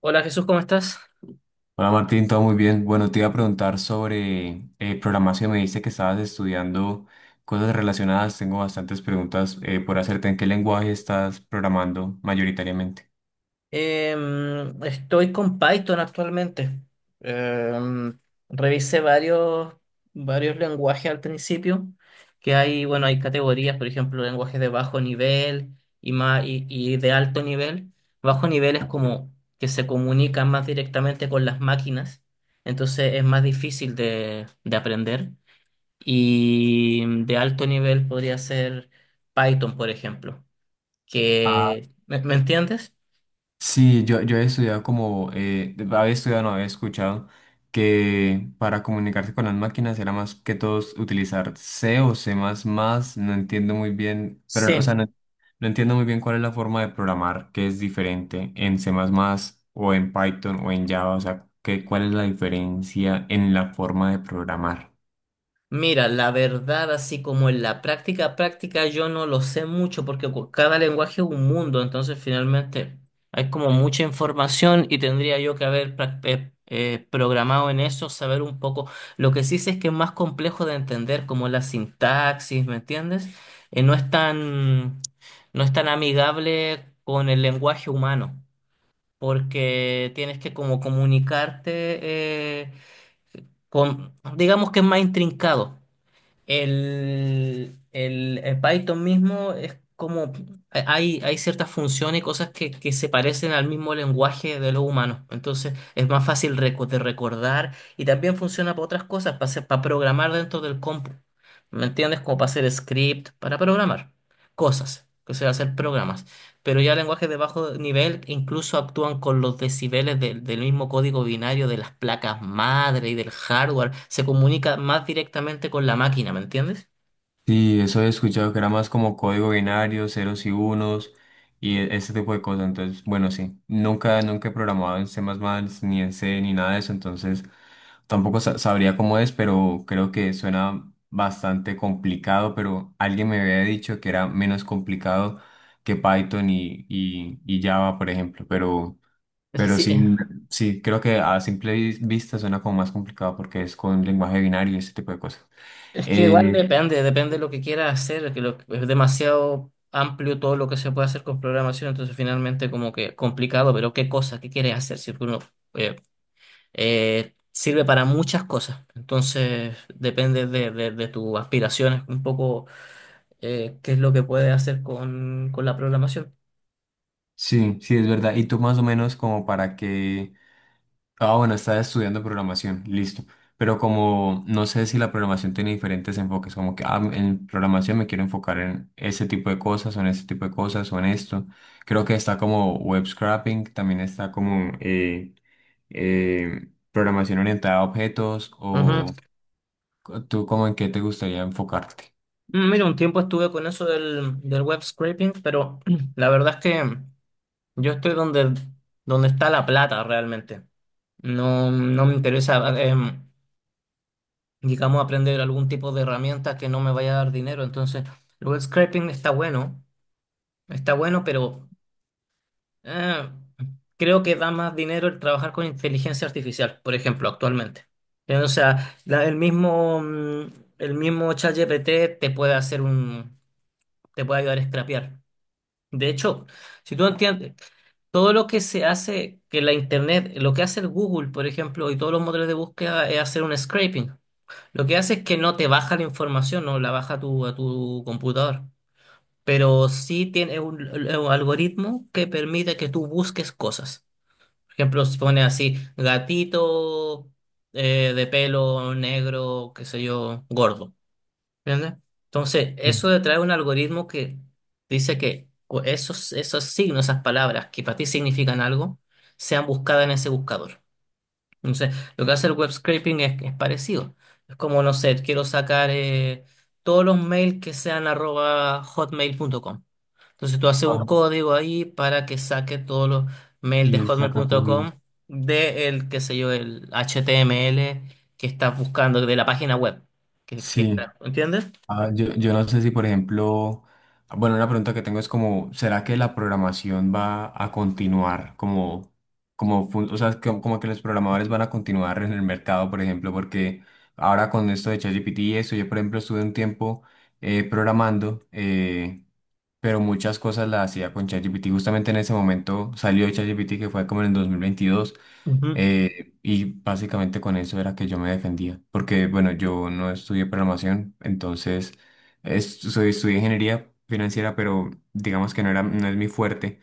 Hola Jesús, ¿cómo estás? Hola Martín, todo muy bien. Bueno, te iba a preguntar sobre programación. Me dice que estabas estudiando cosas relacionadas. Tengo bastantes preguntas por hacerte. ¿En qué lenguaje estás programando mayoritariamente? Estoy con Python actualmente. Em, revisé varios lenguajes al principio, que hay, bueno, hay categorías, por ejemplo, lenguajes de bajo nivel y de alto nivel. Bajo nivel es como que se comunican más directamente con las máquinas, entonces es más difícil de aprender. Y de alto nivel podría ser Python, por ejemplo, que, ¿me entiendes? Sí, yo he estudiado como, había estudiado, no había escuchado que para comunicarse con las máquinas era más que todos utilizar C o C++, no entiendo muy bien, pero o sea, Sí, no, no entiendo muy bien cuál es la forma de programar que es diferente en C++ o en Python o en Java, o sea, que, cuál es la diferencia en la forma de programar. mira, la verdad, así como en la práctica práctica, yo no lo sé mucho porque cada lenguaje es un mundo, entonces finalmente hay como mucha información y tendría yo que haber programado en eso, saber un poco. Lo que sí sé es que es más complejo de entender, como la sintaxis, ¿me entiendes? Eh, no es tan, no es tan amigable con el lenguaje humano, porque tienes que como comunicarte eh, con, digamos que es más intrincado. El Python mismo es como, hay ciertas funciones y cosas que se parecen al mismo lenguaje de los humanos. Entonces es más fácil de recordar y también funciona para otras cosas, para programar dentro del compu. ¿Me entiendes? Como para hacer script, para programar cosas, que sea, hacer programas. Pero ya lenguajes de bajo nivel incluso actúan con los decibeles del mismo código binario de las placas madre y del hardware. Se comunica más directamente con la máquina, ¿me entiendes? Sí, eso he escuchado que era más como código binario, ceros y unos y ese tipo de cosas. Entonces, bueno, sí, nunca he programado en C++, ni en C, ni nada de eso. Entonces, tampoco sabría cómo es, pero creo que suena bastante complicado. Pero alguien me había dicho que era menos complicado que Python y Java, por ejemplo. Pero Sí, sí, sí, creo que a simple vista suena como más complicado porque es con lenguaje binario y ese tipo de cosas. es que igual Eh, depende, depende de lo que quiera hacer, es demasiado amplio todo lo que se puede hacer con programación, entonces finalmente como que complicado, pero qué cosa, qué quieres hacer, si uno eh, sirve para muchas cosas, entonces depende de tus aspiraciones un poco, qué es lo que puede hacer con la programación. Sí, sí, es verdad. Y tú más o menos como para que... Ah, bueno, estás estudiando programación, listo. Pero como no sé si la programación tiene diferentes enfoques, como que ah, en programación me quiero enfocar en ese tipo de cosas o en ese tipo de cosas o en esto. Creo que está como web scraping, también está como programación orientada a objetos Ujú. o tú como en qué te gustaría enfocarte. Mira, un tiempo estuve con eso del web scraping, pero la verdad es que yo estoy donde está la plata realmente. No, no me interesa, digamos, aprender algún tipo de herramienta que no me vaya a dar dinero. Entonces, el web scraping está bueno, pero Eh, creo que da más dinero el trabajar con inteligencia artificial, por ejemplo, actualmente. O sea, el mismo, el mismo ChatGPT te puede ayudar a scrapear. De hecho, si tú entiendes, todo lo que se hace, que la internet, lo que hace el Google, por ejemplo, y todos los motores de búsqueda es hacer un scraping. Lo que hace es que no te baja la información, no la baja a tu computador, pero sí tiene un algoritmo que permite que tú busques cosas. Por ejemplo, se pone así, gatito de pelo negro, qué sé yo, gordo. ¿Entiendes? Entonces, Ujú. eso de traer un algoritmo que dice que esos, esos signos, esas palabras que para ti significan algo, sean buscadas en ese buscador. Entonces, lo que hace el web scraping es parecido. Es como, no sé, quiero sacar todos los mails que sean arroba hotmail.com. Entonces tú haces un Ajá. código ahí para que saque todos los mails Y de él saca todos hotmail.com los... de el, qué sé yo, el HTML que estás buscando de la página web. Sí. ¿Entiendes? Ah, yo no sé si, por ejemplo, bueno, una pregunta que tengo es como, ¿será que la programación va a continuar como, como, o sea, como, como que los programadores van a continuar en el mercado, por ejemplo, porque ahora con esto de ChatGPT y eso, yo, por ejemplo, estuve un tiempo programando. Pero muchas cosas las hacía con ChatGPT. Justamente en ese momento salió ChatGPT, que fue como en el 2022, Ujú. Y básicamente con eso era que yo me defendía, porque bueno, yo no estudié programación, entonces soy, estudié ingeniería financiera, pero digamos que no era, no es mi fuerte.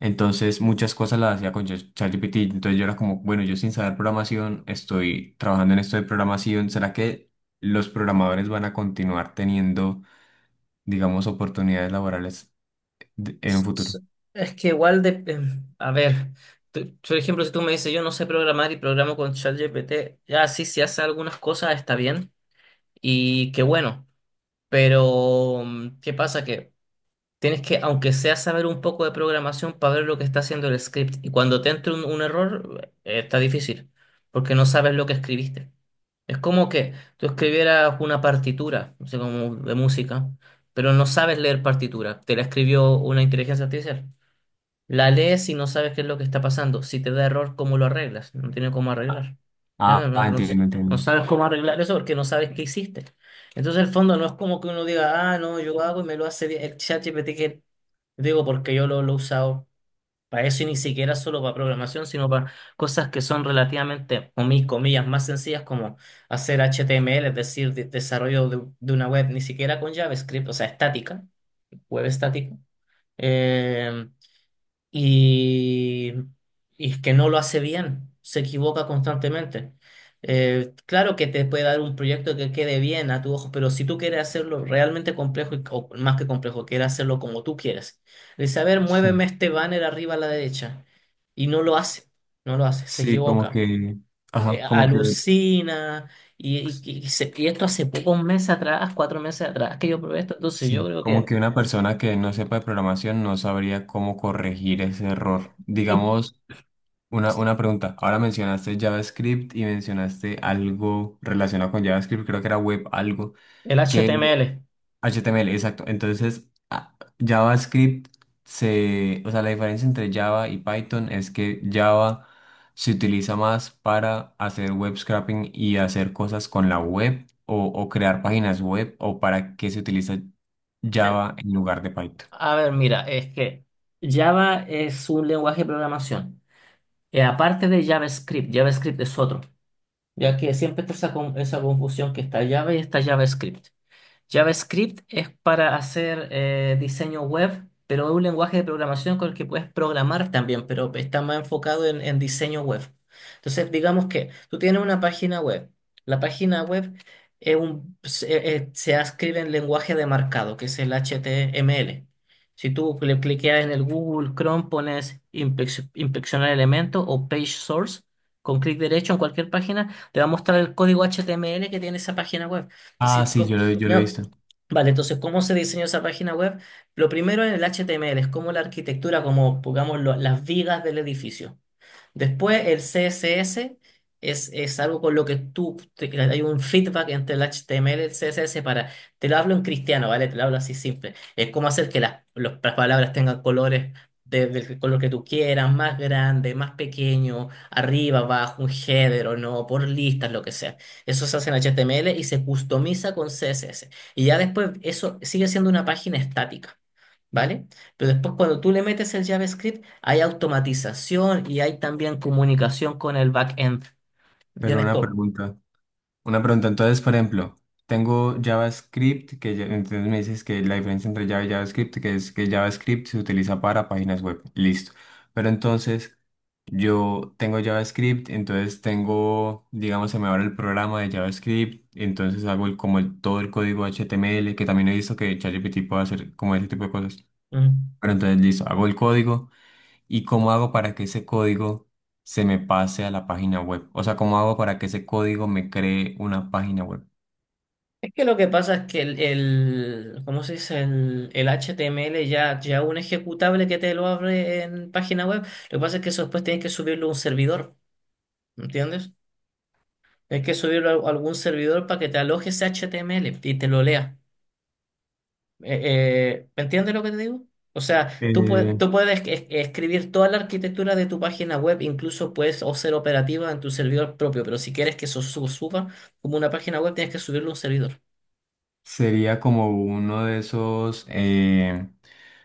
Entonces muchas cosas las hacía con ChatGPT. Entonces yo era como, bueno, yo sin saber programación estoy trabajando en esto de programación. ¿Será que los programadores van a continuar teniendo, digamos, oportunidades laborales? En un S- futuro. s- Es que igual a ver, por ejemplo, si tú me dices yo no sé programar y programo con ChatGPT, ya sí, si hace algunas cosas está bien y qué bueno, pero ¿qué pasa? Que tienes que, aunque sea saber un poco de programación para ver lo que está haciendo el script. Y cuando te entra un error, está difícil, porque no sabes lo que escribiste. Es como que tú escribieras una partitura, no sé, como de música, pero no sabes leer partitura. Te la escribió una inteligencia artificial. La lees y no sabes qué es lo que está pasando. Si te da error, ¿cómo lo arreglas? No tiene cómo arreglar. No, no, Ah, ah, entiendo, no entiendo. sabes cómo arreglar eso porque no sabes qué hiciste. Entonces, el fondo no es como que uno diga, ah, no, yo hago y me lo hace bien. El ChatGPT que digo porque yo lo he usado para eso y ni siquiera solo para programación, sino para cosas que son relativamente, o mis comillas, más sencillas como hacer HTML, es decir, desarrollo de una web, ni siquiera con JavaScript, o sea, estática, web estática. Eh, y, y es que no lo hace bien, se equivoca constantemente. Claro que te puede dar un proyecto que quede bien a tu ojo, pero si tú quieres hacerlo realmente complejo, o más que complejo, quieres hacerlo como tú quieres, le dice, a ver, Sí, muéveme este banner arriba a la derecha, y no lo hace, no lo hace, se sí, como equivoca, que, ajá, como que, alucina, y esto hace poco, un mes atrás, cuatro meses atrás, que yo probé esto, entonces yo sí, creo como que... que una persona que no sepa de programación no sabría cómo corregir ese error. Y Digamos, una pregunta. Ahora mencionaste JavaScript y mencionaste algo relacionado con JavaScript, creo que era web algo. el HTML. HTML, exacto. Entonces, JavaScript se, o sea, la diferencia entre Java y Python es que Java se utiliza más para hacer web scraping y hacer cosas con la web o crear páginas web o para qué se utiliza Java en lugar de Python. A ver, mira, es que Java es un lenguaje de programación. Y aparte de JavaScript, JavaScript es otro, ya que siempre está esa, esa confusión que está Java y está JavaScript. JavaScript es para hacer diseño web, pero es un lenguaje de programación con el que puedes programar también, pero está más enfocado en diseño web. Entonces, digamos que tú tienes una página web. La página web es se escribe en lenguaje de marcado, que es el HTML. Si tú le cliqueas en el Google Chrome, pones inspeccionar elemento o page source, con clic derecho en cualquier página, te va a mostrar el código HTML que tiene esa página web. Es Ah, decir, sí, yo lo he ya. visto. Vale, entonces, ¿cómo se diseñó esa página web? Lo primero en el HTML es como la arquitectura, como pongamos las vigas del edificio. Después, el CSS es algo con lo que que hay un feedback entre el HTML y el CSS para, te lo hablo en cristiano, ¿vale? Te lo hablo así simple. Es cómo hacer que las palabras tengan colores del color que tú quieras, más grande, más pequeño, arriba, abajo, un header o no, por listas, lo que sea. Eso se hace en HTML y se customiza con CSS. Y ya después eso sigue siendo una página estática, ¿vale? Pero después cuando tú le metes el JavaScript, hay automatización y hay también comunicación con el backend. Pero ¿Entiendes una cómo? pregunta. Una pregunta, entonces, por ejemplo, tengo JavaScript, que entonces me dices que la diferencia entre Java y JavaScript, que es que JavaScript se utiliza para páginas web, listo. Pero entonces, yo tengo JavaScript, entonces tengo, digamos, se me abre el programa de JavaScript, entonces hago el, como todo el código HTML, que también he visto que ChatGPT puede hacer como ese tipo de cosas. Mm. Pero entonces, listo, hago el código. ¿Y cómo hago para que ese código se me pase a la página web? O sea, ¿cómo hago para que ese código me cree una página web? Es que lo que pasa es que ¿cómo se dice? El HTML ya, ya un ejecutable que te lo abre en página web, lo que pasa es que eso después tienes que subirlo a un servidor, ¿entiendes? Tienes que subirlo a algún servidor para que te aloje ese HTML y te lo lea. Eh, ¿Me entiendes lo que te digo? O sea, Eh, tú puedes escribir toda la arquitectura de tu página web, incluso puedes o ser operativa en tu servidor propio, pero si quieres que eso suba como una página web, tienes que subirlo a un servidor. sería como uno de esos,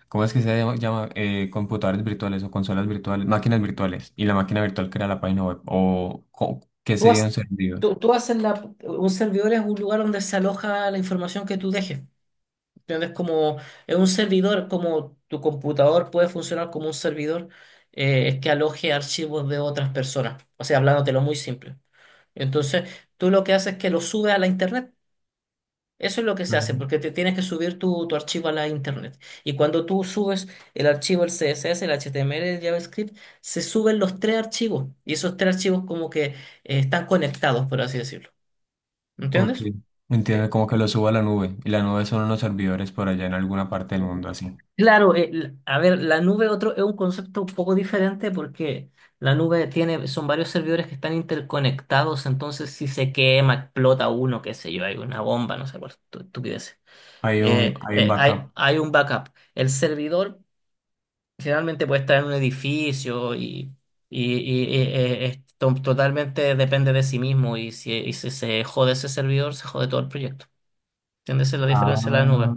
¿cómo es que se llama? Computadores virtuales o consolas virtuales, máquinas virtuales. Y la máquina virtual crea la página web. ¿O qué Tú, sería un has- servidor? Tú haces un servidor es un lugar donde se aloja la información que tú dejes. ¿Entiendes? Como es un servidor, como tu computador puede funcionar como un servidor, es que aloje archivos de otras personas. O sea, hablándotelo muy simple. Entonces, tú lo que haces es que lo subes a la internet. Eso es lo que Ah, se hace, porque te tienes que subir tu, tu archivo a la internet. Y cuando tú subes el archivo, el CSS, el HTML, el JavaScript, se suben los tres archivos. Y esos tres archivos como que están conectados, por así decirlo. ok, ¿Entiendes? entiendo, Eh, como que lo subo a la nube. Y la nube son unos servidores por allá en alguna parte del mundo así. Claro, a ver, la nube otro, es un concepto un poco diferente porque la nube tiene, son varios servidores que están interconectados, entonces si se quema, explota uno, qué sé yo, hay una bomba, no sé cuál estupidez. Hay un backup. Hay un backup. El servidor generalmente puede estar en un edificio y es totalmente depende de sí mismo y si se jode ese servidor, se jode todo el proyecto. ¿Entiendes? Esa es la Ah, diferencia de la nube.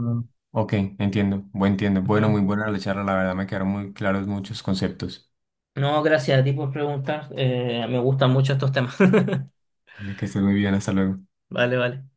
ok, entiendo. Bueno, entiendo. Bueno, Ujú. muy buena la charla, la verdad me quedaron muy claros muchos conceptos. No, gracias a ti por preguntar. Me gustan mucho estos temas. Dale, que estés muy bien, hasta luego. Vale, vale.